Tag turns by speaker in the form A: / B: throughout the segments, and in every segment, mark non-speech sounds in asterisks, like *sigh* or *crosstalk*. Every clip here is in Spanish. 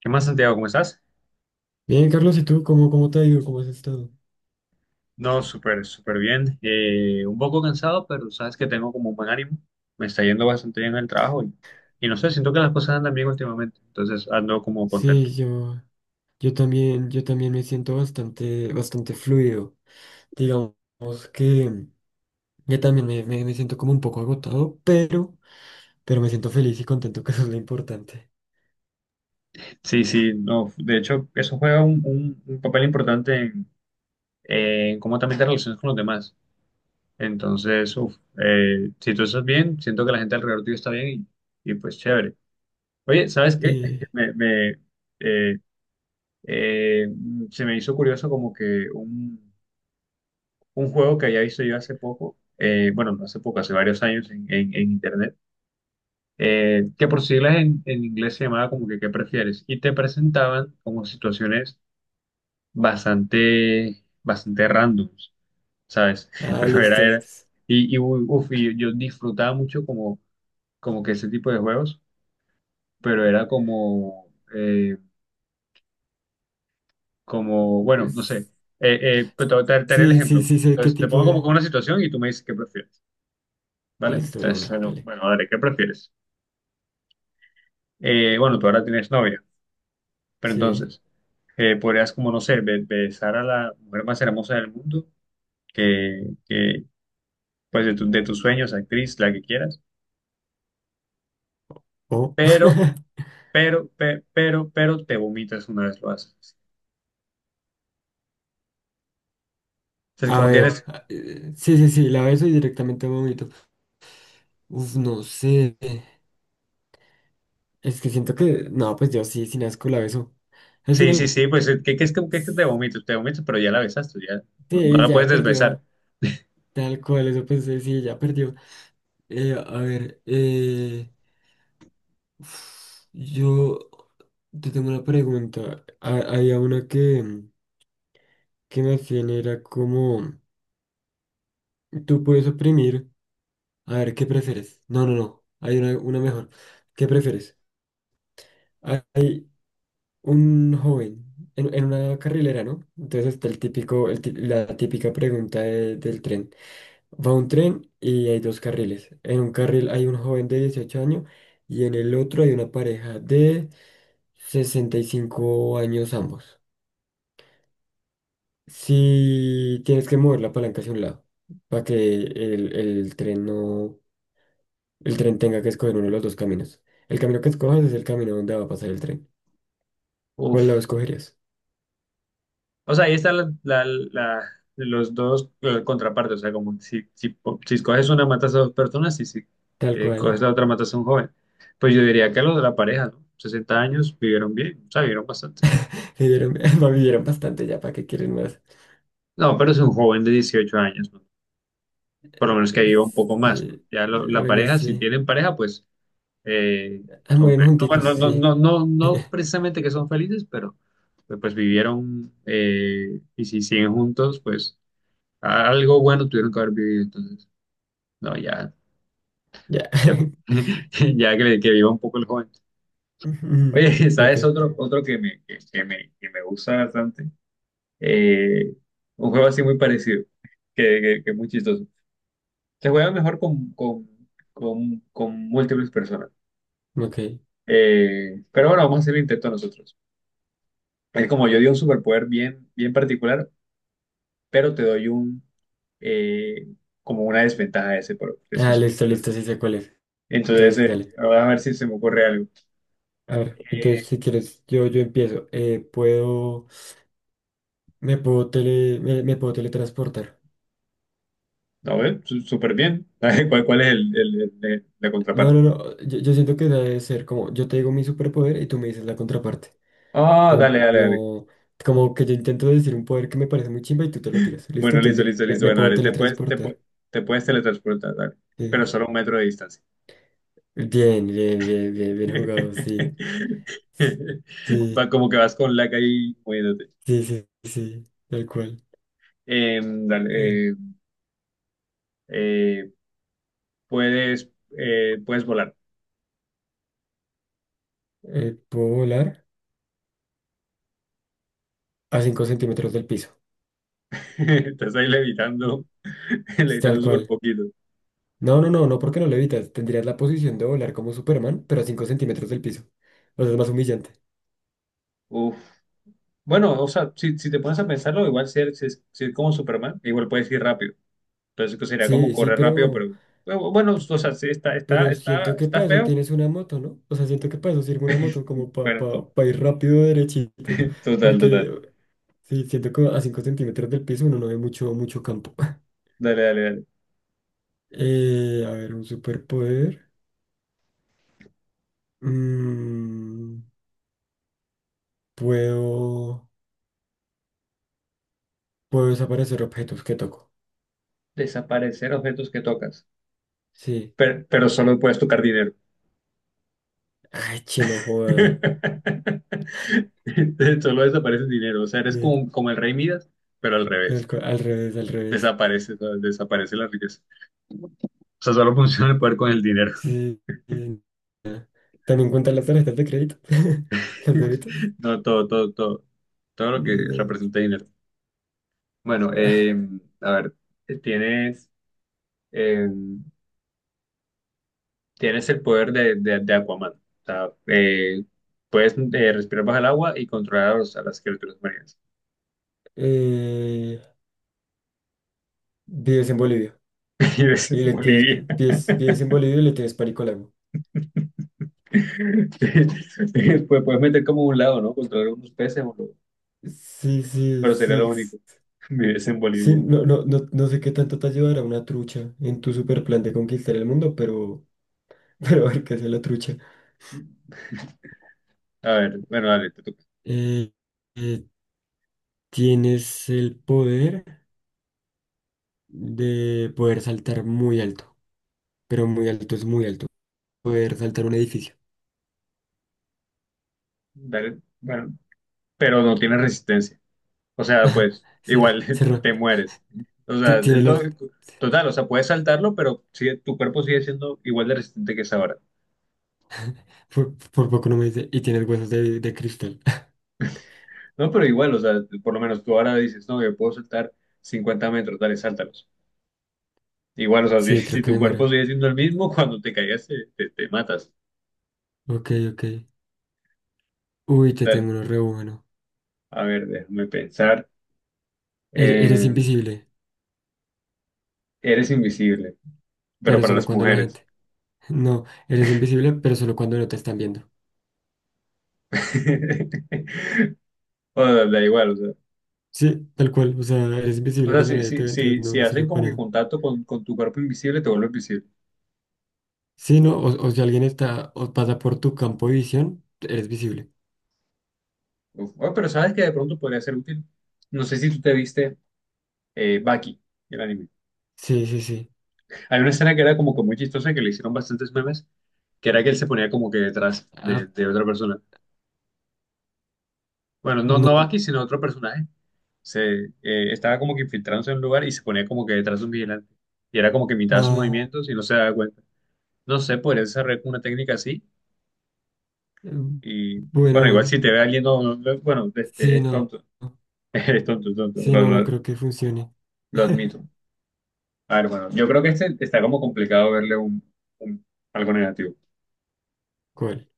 A: ¿Qué más, Santiago? ¿Cómo estás?
B: Bien, Carlos, ¿y tú cómo te ha ido? ¿Cómo has estado?
A: No, súper bien. Un poco cansado, pero sabes que tengo como un buen ánimo. Me está yendo bastante bien en el trabajo y no sé, siento que las cosas andan bien últimamente. Entonces ando como contento.
B: Sí, yo también me siento bastante fluido. Digamos que yo también me siento como un poco agotado, pero me siento feliz y contento, *laughs* que eso es lo importante.
A: Sí, sí, no. De hecho, eso juega un papel importante en cómo también te relacionas con los demás. Entonces, si tú estás bien, siento que la gente alrededor tuyo está bien y pues chévere. Oye, ¿sabes qué?
B: Eh,
A: *laughs* Me, me, eh, eh, Se me hizo curioso como que un juego que había visto yo hace poco, bueno, no hace poco, hace varios años en, en internet, que por siglas en inglés se llamaba como que ¿qué prefieres? Y te presentaban como situaciones bastante, bastante randoms, ¿sabes? *laughs* Pero era,
B: Listo.
A: era, y, y yo disfrutaba mucho como, como que ese tipo de juegos, pero era como, como, bueno, no sé,
B: Es-
A: pues te haré el
B: Sí, sí,
A: ejemplo.
B: sí, sé qué
A: Entonces te
B: tipo
A: pongo como
B: de...
A: que una situación y tú me dices qué prefieres. ¿Vale?
B: Listo, de
A: Entonces,
B: una,
A: bueno,
B: dale.
A: bueno, Adri, ¿qué prefieres? Bueno, tú ahora tienes novia, pero
B: Sí.
A: entonces podrías como, no sé, besar a la mujer más hermosa del mundo, que, pues de, de tus sueños, actriz, la que quieras,
B: O.
A: pero,
B: *laughs*
A: pero te vomitas una vez lo haces. Entonces,
B: A
A: como
B: ver.
A: tienes,
B: Sí, sí, sí, la beso y directamente vomito. Uf, no sé. Es que siento que, no, pues yo sí, sin asco la beso. Al
A: sí,
B: final,
A: sí, sí, pues, ¿qué, qué es que te vomitas? Te vomitas, pero ya la besaste, ya no, no
B: sí,
A: la
B: ya
A: puedes desbesar.
B: perdió. Tal cual, eso pensé, sí, ya perdió. Eh, a ver, eh, yo te tengo una pregunta. Había una que me hacían, era como, tú puedes oprimir. A ver, ¿qué prefieres? No, no, no, hay una mejor. ¿Qué prefieres? Hay un joven en una carrilera, ¿no? Entonces está el típico, la típica pregunta del tren. Va un tren y hay dos carriles. En un carril hay un joven de 18 años y en el otro hay una pareja de 65 años ambos. Si tienes que mover la palanca hacia un lado para que el tren no, el tren tenga que escoger uno de los dos caminos. El camino que escojas es el camino donde va a pasar el tren. ¿Cuál lado
A: Uf.
B: escogerías?
A: O sea, ahí están la- la- la- los dos contrapartes. O sea, como si, si, si escoges una, matas a dos personas y si
B: Tal
A: coges
B: cual.
A: la otra, matas a un joven. Pues yo diría que los de la pareja, ¿no? 60 años vivieron bien, o sea, vivieron bastante.
B: Se dieron, *laughs* vivieron bastante ya, ¿para qué quieren más?
A: No, pero es un joven de 18 años, ¿no? Por lo menos que
B: Eh,
A: viva un poco más, ¿no?
B: Sí,
A: Ya la
B: bueno,
A: pareja, si
B: sí.
A: tienen pareja, pues eh,
B: Ah,
A: son
B: mueren
A: felices.
B: junticos,
A: Bueno,
B: sí.
A: no
B: *laughs*
A: precisamente que son felices, pero pues, pues vivieron, y si siguen juntos, pues algo bueno tuvieron que haber vivido entonces. No, ya,
B: Ya.
A: ya,
B: *laughs*
A: *laughs* ya que viva un poco el joven. Oye,
B: Ujú.
A: *laughs*
B: Ok,
A: ¿sabes otro, otro que me gusta bastante? Eh, un juego así muy parecido, que es muy chistoso. Se juega mejor con múltiples personas.
B: ok.
A: Pero bueno, vamos a hacer el intento nosotros. Es como yo di un superpoder bien, bien particular, pero te doy un, eh, como una desventaja de ese, de ese
B: Ah,
A: super-
B: listo, listo, sí sé cuál es.
A: Entonces,
B: Entonces, dale.
A: a ver si se me ocurre algo.
B: A ver, entonces
A: Eh,
B: si quieres, yo empiezo. Puedo, me puedo tele, me puedo teletransportar.
A: A ver, súper bien. *laughs* ¿Cuál, cuál es el, la
B: No, no,
A: contraparte?
B: no. Yo siento que debe ser como, yo te digo mi superpoder y tú me dices la contraparte.
A: Ah,
B: Como,
A: dale, dale, dale.
B: como que yo intento decir un poder que me parece muy chimba y tú te lo tiras. Listo,
A: Bueno,
B: entonces
A: listo,
B: digo,
A: listo, listo.
B: me
A: Bueno,
B: puedo
A: dale,
B: teletransportar.
A: te puedes teletransportar, dale.
B: Eh,
A: Pero solo a un metro de distancia.
B: Bien, bien, bien, bien, bien jugado, sí.
A: *laughs* Va
B: Sí,
A: como que vas con la calle y moviéndote.
B: sí, sí, sí, tal cual. Eh,
A: Dale, eh, puedes, puedes volar.
B: ¿Puedo volar? A cinco centímetros del piso,
A: *laughs* Estás ahí levitando, *laughs*
B: tal
A: levitando súper
B: cual.
A: poquito.
B: No, no, no, no, porque no levitas. Tendrías la posición de volar como Superman, pero a 5 centímetros del piso. O sea, es más humillante.
A: Uf. Bueno, o sea, si, si te pones a pensarlo, igual si eres, si es si es como Superman, igual puedes ir rápido. Entonces que sería como
B: Sí, sí,
A: correr rápido, pero
B: pero,
A: bueno, o sea, sí, está, está,
B: Pero
A: está,
B: siento que
A: está
B: para eso
A: feo.
B: tienes una moto, ¿no? O sea, siento que para eso sirve una moto, como para
A: Bueno,
B: pa, pa pa ir rápido derechito.
A: total, total.
B: Porque sí, siento que a 5 centímetros del piso uno no ve mucho, mucho campo. *laughs*
A: Dale, dale, dale.
B: A ver, un superpoder. Mm, puedo, puedo desaparecer objetos que toco.
A: Desaparecer objetos que tocas,
B: Sí.
A: pero solo puedes tocar dinero.
B: Ay, chino, joda.
A: *laughs* Solo desaparece dinero, o sea, eres
B: Sí,
A: como, como el rey Midas, pero al
B: tal
A: revés.
B: cual, al revés, al revés.
A: Desaparece, ¿sabes? Desaparece la riqueza. O sea, solo funciona el poder con el dinero. *laughs*
B: Sí, sí. También cuentan las tarjetas de crédito. *laughs* Las débitos.
A: No, todo, todo, todo. Todo lo que
B: No.
A: representa dinero. Bueno,
B: *laughs*
A: a ver, tienes... eh, tienes el poder de Aquaman. O sea, puedes, respirar bajo el agua y controlar a, a las criaturas marinas.
B: Eh, Vives en Bolivia
A: *laughs* Y ves
B: y
A: en
B: le tienes,
A: Bolivia.
B: vives en Bolivia y le tienes pánico al agua.
A: *laughs* Después puedes meter como un lado, ¿no? Controlar unos peces,
B: Sí, sí,
A: pero sería lo
B: sí.
A: único. *laughs* Vives en
B: Sí,
A: Bolivia.
B: no, no, no, no sé qué tanto te ayudará una trucha en tu super plan de conquistar el mundo, pero, *laughs* pero a ver qué hace la trucha.
A: A ver, bueno, dale, te toca.
B: Eh, eh, Tienes el poder de poder saltar muy alto, pero muy alto es muy alto. Poder saltar un edificio.
A: Dale, bueno, pero no tienes resistencia. O sea, pues
B: Ser,
A: igual *laughs*
B: ser,
A: te mueres. O
B: ti-
A: sea,
B: tiene los,
A: total, o sea, puedes saltarlo, pero tu cuerpo sigue siendo igual de resistente que es ahora.
B: por poco no me dice, y tiene los huesos de cristal.
A: No, pero igual, o sea, por lo menos tú ahora dices, no, yo puedo saltar 50 metros, dale, sáltalos. Igual, o
B: *laughs*
A: sea, si, *laughs*
B: Sí, creo
A: si
B: que
A: tu cuerpo
B: demora.
A: sigue siendo el mismo, *laughs* cuando te caigas te matas.
B: Ok, ok. Uy, te
A: Dale.
B: tengo uno re bueno.
A: A ver, déjame pensar.
B: Eres
A: Eh,
B: invisible,
A: Eres invisible, pero
B: pero
A: para
B: solo
A: las
B: cuando la
A: mujeres.
B: gente. *laughs* No, eres invisible, pero solo cuando no te están viendo.
A: *laughs* O sea, da igual, o sea.
B: Sí, tal cual. O sea, eres
A: O
B: invisible
A: sea,
B: cuando
A: si,
B: nadie te
A: si,
B: ve, entonces
A: si,
B: no,
A: si
B: no
A: hacen
B: sirve
A: como
B: para
A: que
B: nada.
A: contacto con tu cuerpo invisible, te vuelves invisible.
B: Sí, no, o si alguien está o pasa por tu campo de visión, eres visible.
A: Uf, oh, pero sabes que de pronto podría ser útil. No sé si tú te viste, Baki, el anime.
B: Sí, sí, sí.
A: Hay una escena que era como que muy chistosa que le hicieron bastantes memes, que era que él se ponía como que detrás
B: Ah,
A: de otra persona. Bueno, no, no
B: no.
A: Bucky, sino otro personaje. Se, estaba como que infiltrándose en un lugar y se ponía como que detrás de un vigilante. Y era como que imitaba sus
B: Ah,
A: movimientos y no se daba cuenta. No sé, podría desarrollar como una técnica así.
B: mm,
A: Y
B: bueno,
A: bueno, igual
B: bueno.
A: si te ve alguien, bueno, este,
B: Sí,
A: es
B: no.
A: tonto.
B: No.
A: *laughs* Es tonto,
B: Sí, no, no creo que funcione.
A: lo admito. A ver, bueno, yo creo que este está como complicado verle un, un- algo negativo.
B: ¿Cuál?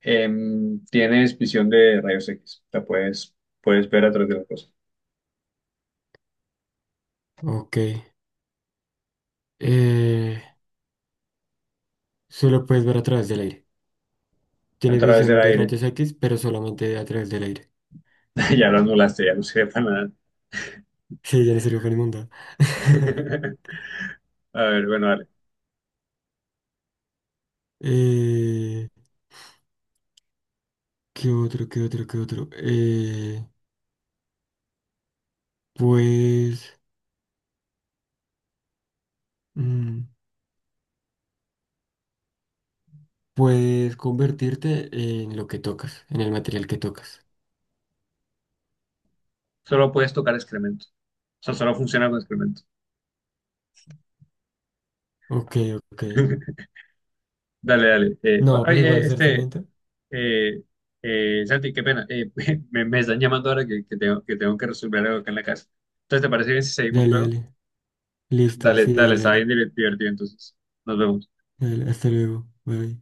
A: Tienes visión de rayos X. O sea, puedes, puedes ver a través de las cosas.
B: Ok. Eh, solo puedes ver a través del aire.
A: A
B: Tiene
A: través del
B: visión de
A: aire.
B: rayos X, pero solamente a través del aire. *laughs*
A: *laughs* Ya lo anulaste, ya no sirve para nada.
B: Sí, ya no sirve para inmunda. *laughs*
A: *laughs* A ver, bueno, dale.
B: Eh, ¿qué otro, qué otro, qué otro? Pues mm, puedes convertirte en lo que tocas, en el material que tocas.
A: Solo puedes tocar excremento. O sea, solo funciona con excremento.
B: Ok, ok.
A: *laughs* Dale, dale.
B: No, pero igual hacer cemento.
A: Eh, Santi, qué pena. *laughs* Me están llamando ahora que tengo, que tengo que resolver algo acá en la casa. Entonces, ¿te parece bien si seguimos
B: Dale,
A: luego?
B: dale. Listo,
A: Dale,
B: sí,
A: dale,
B: dale,
A: está
B: dale.
A: bien divertido entonces. Nos vemos.
B: Dale, hasta luego. Bye.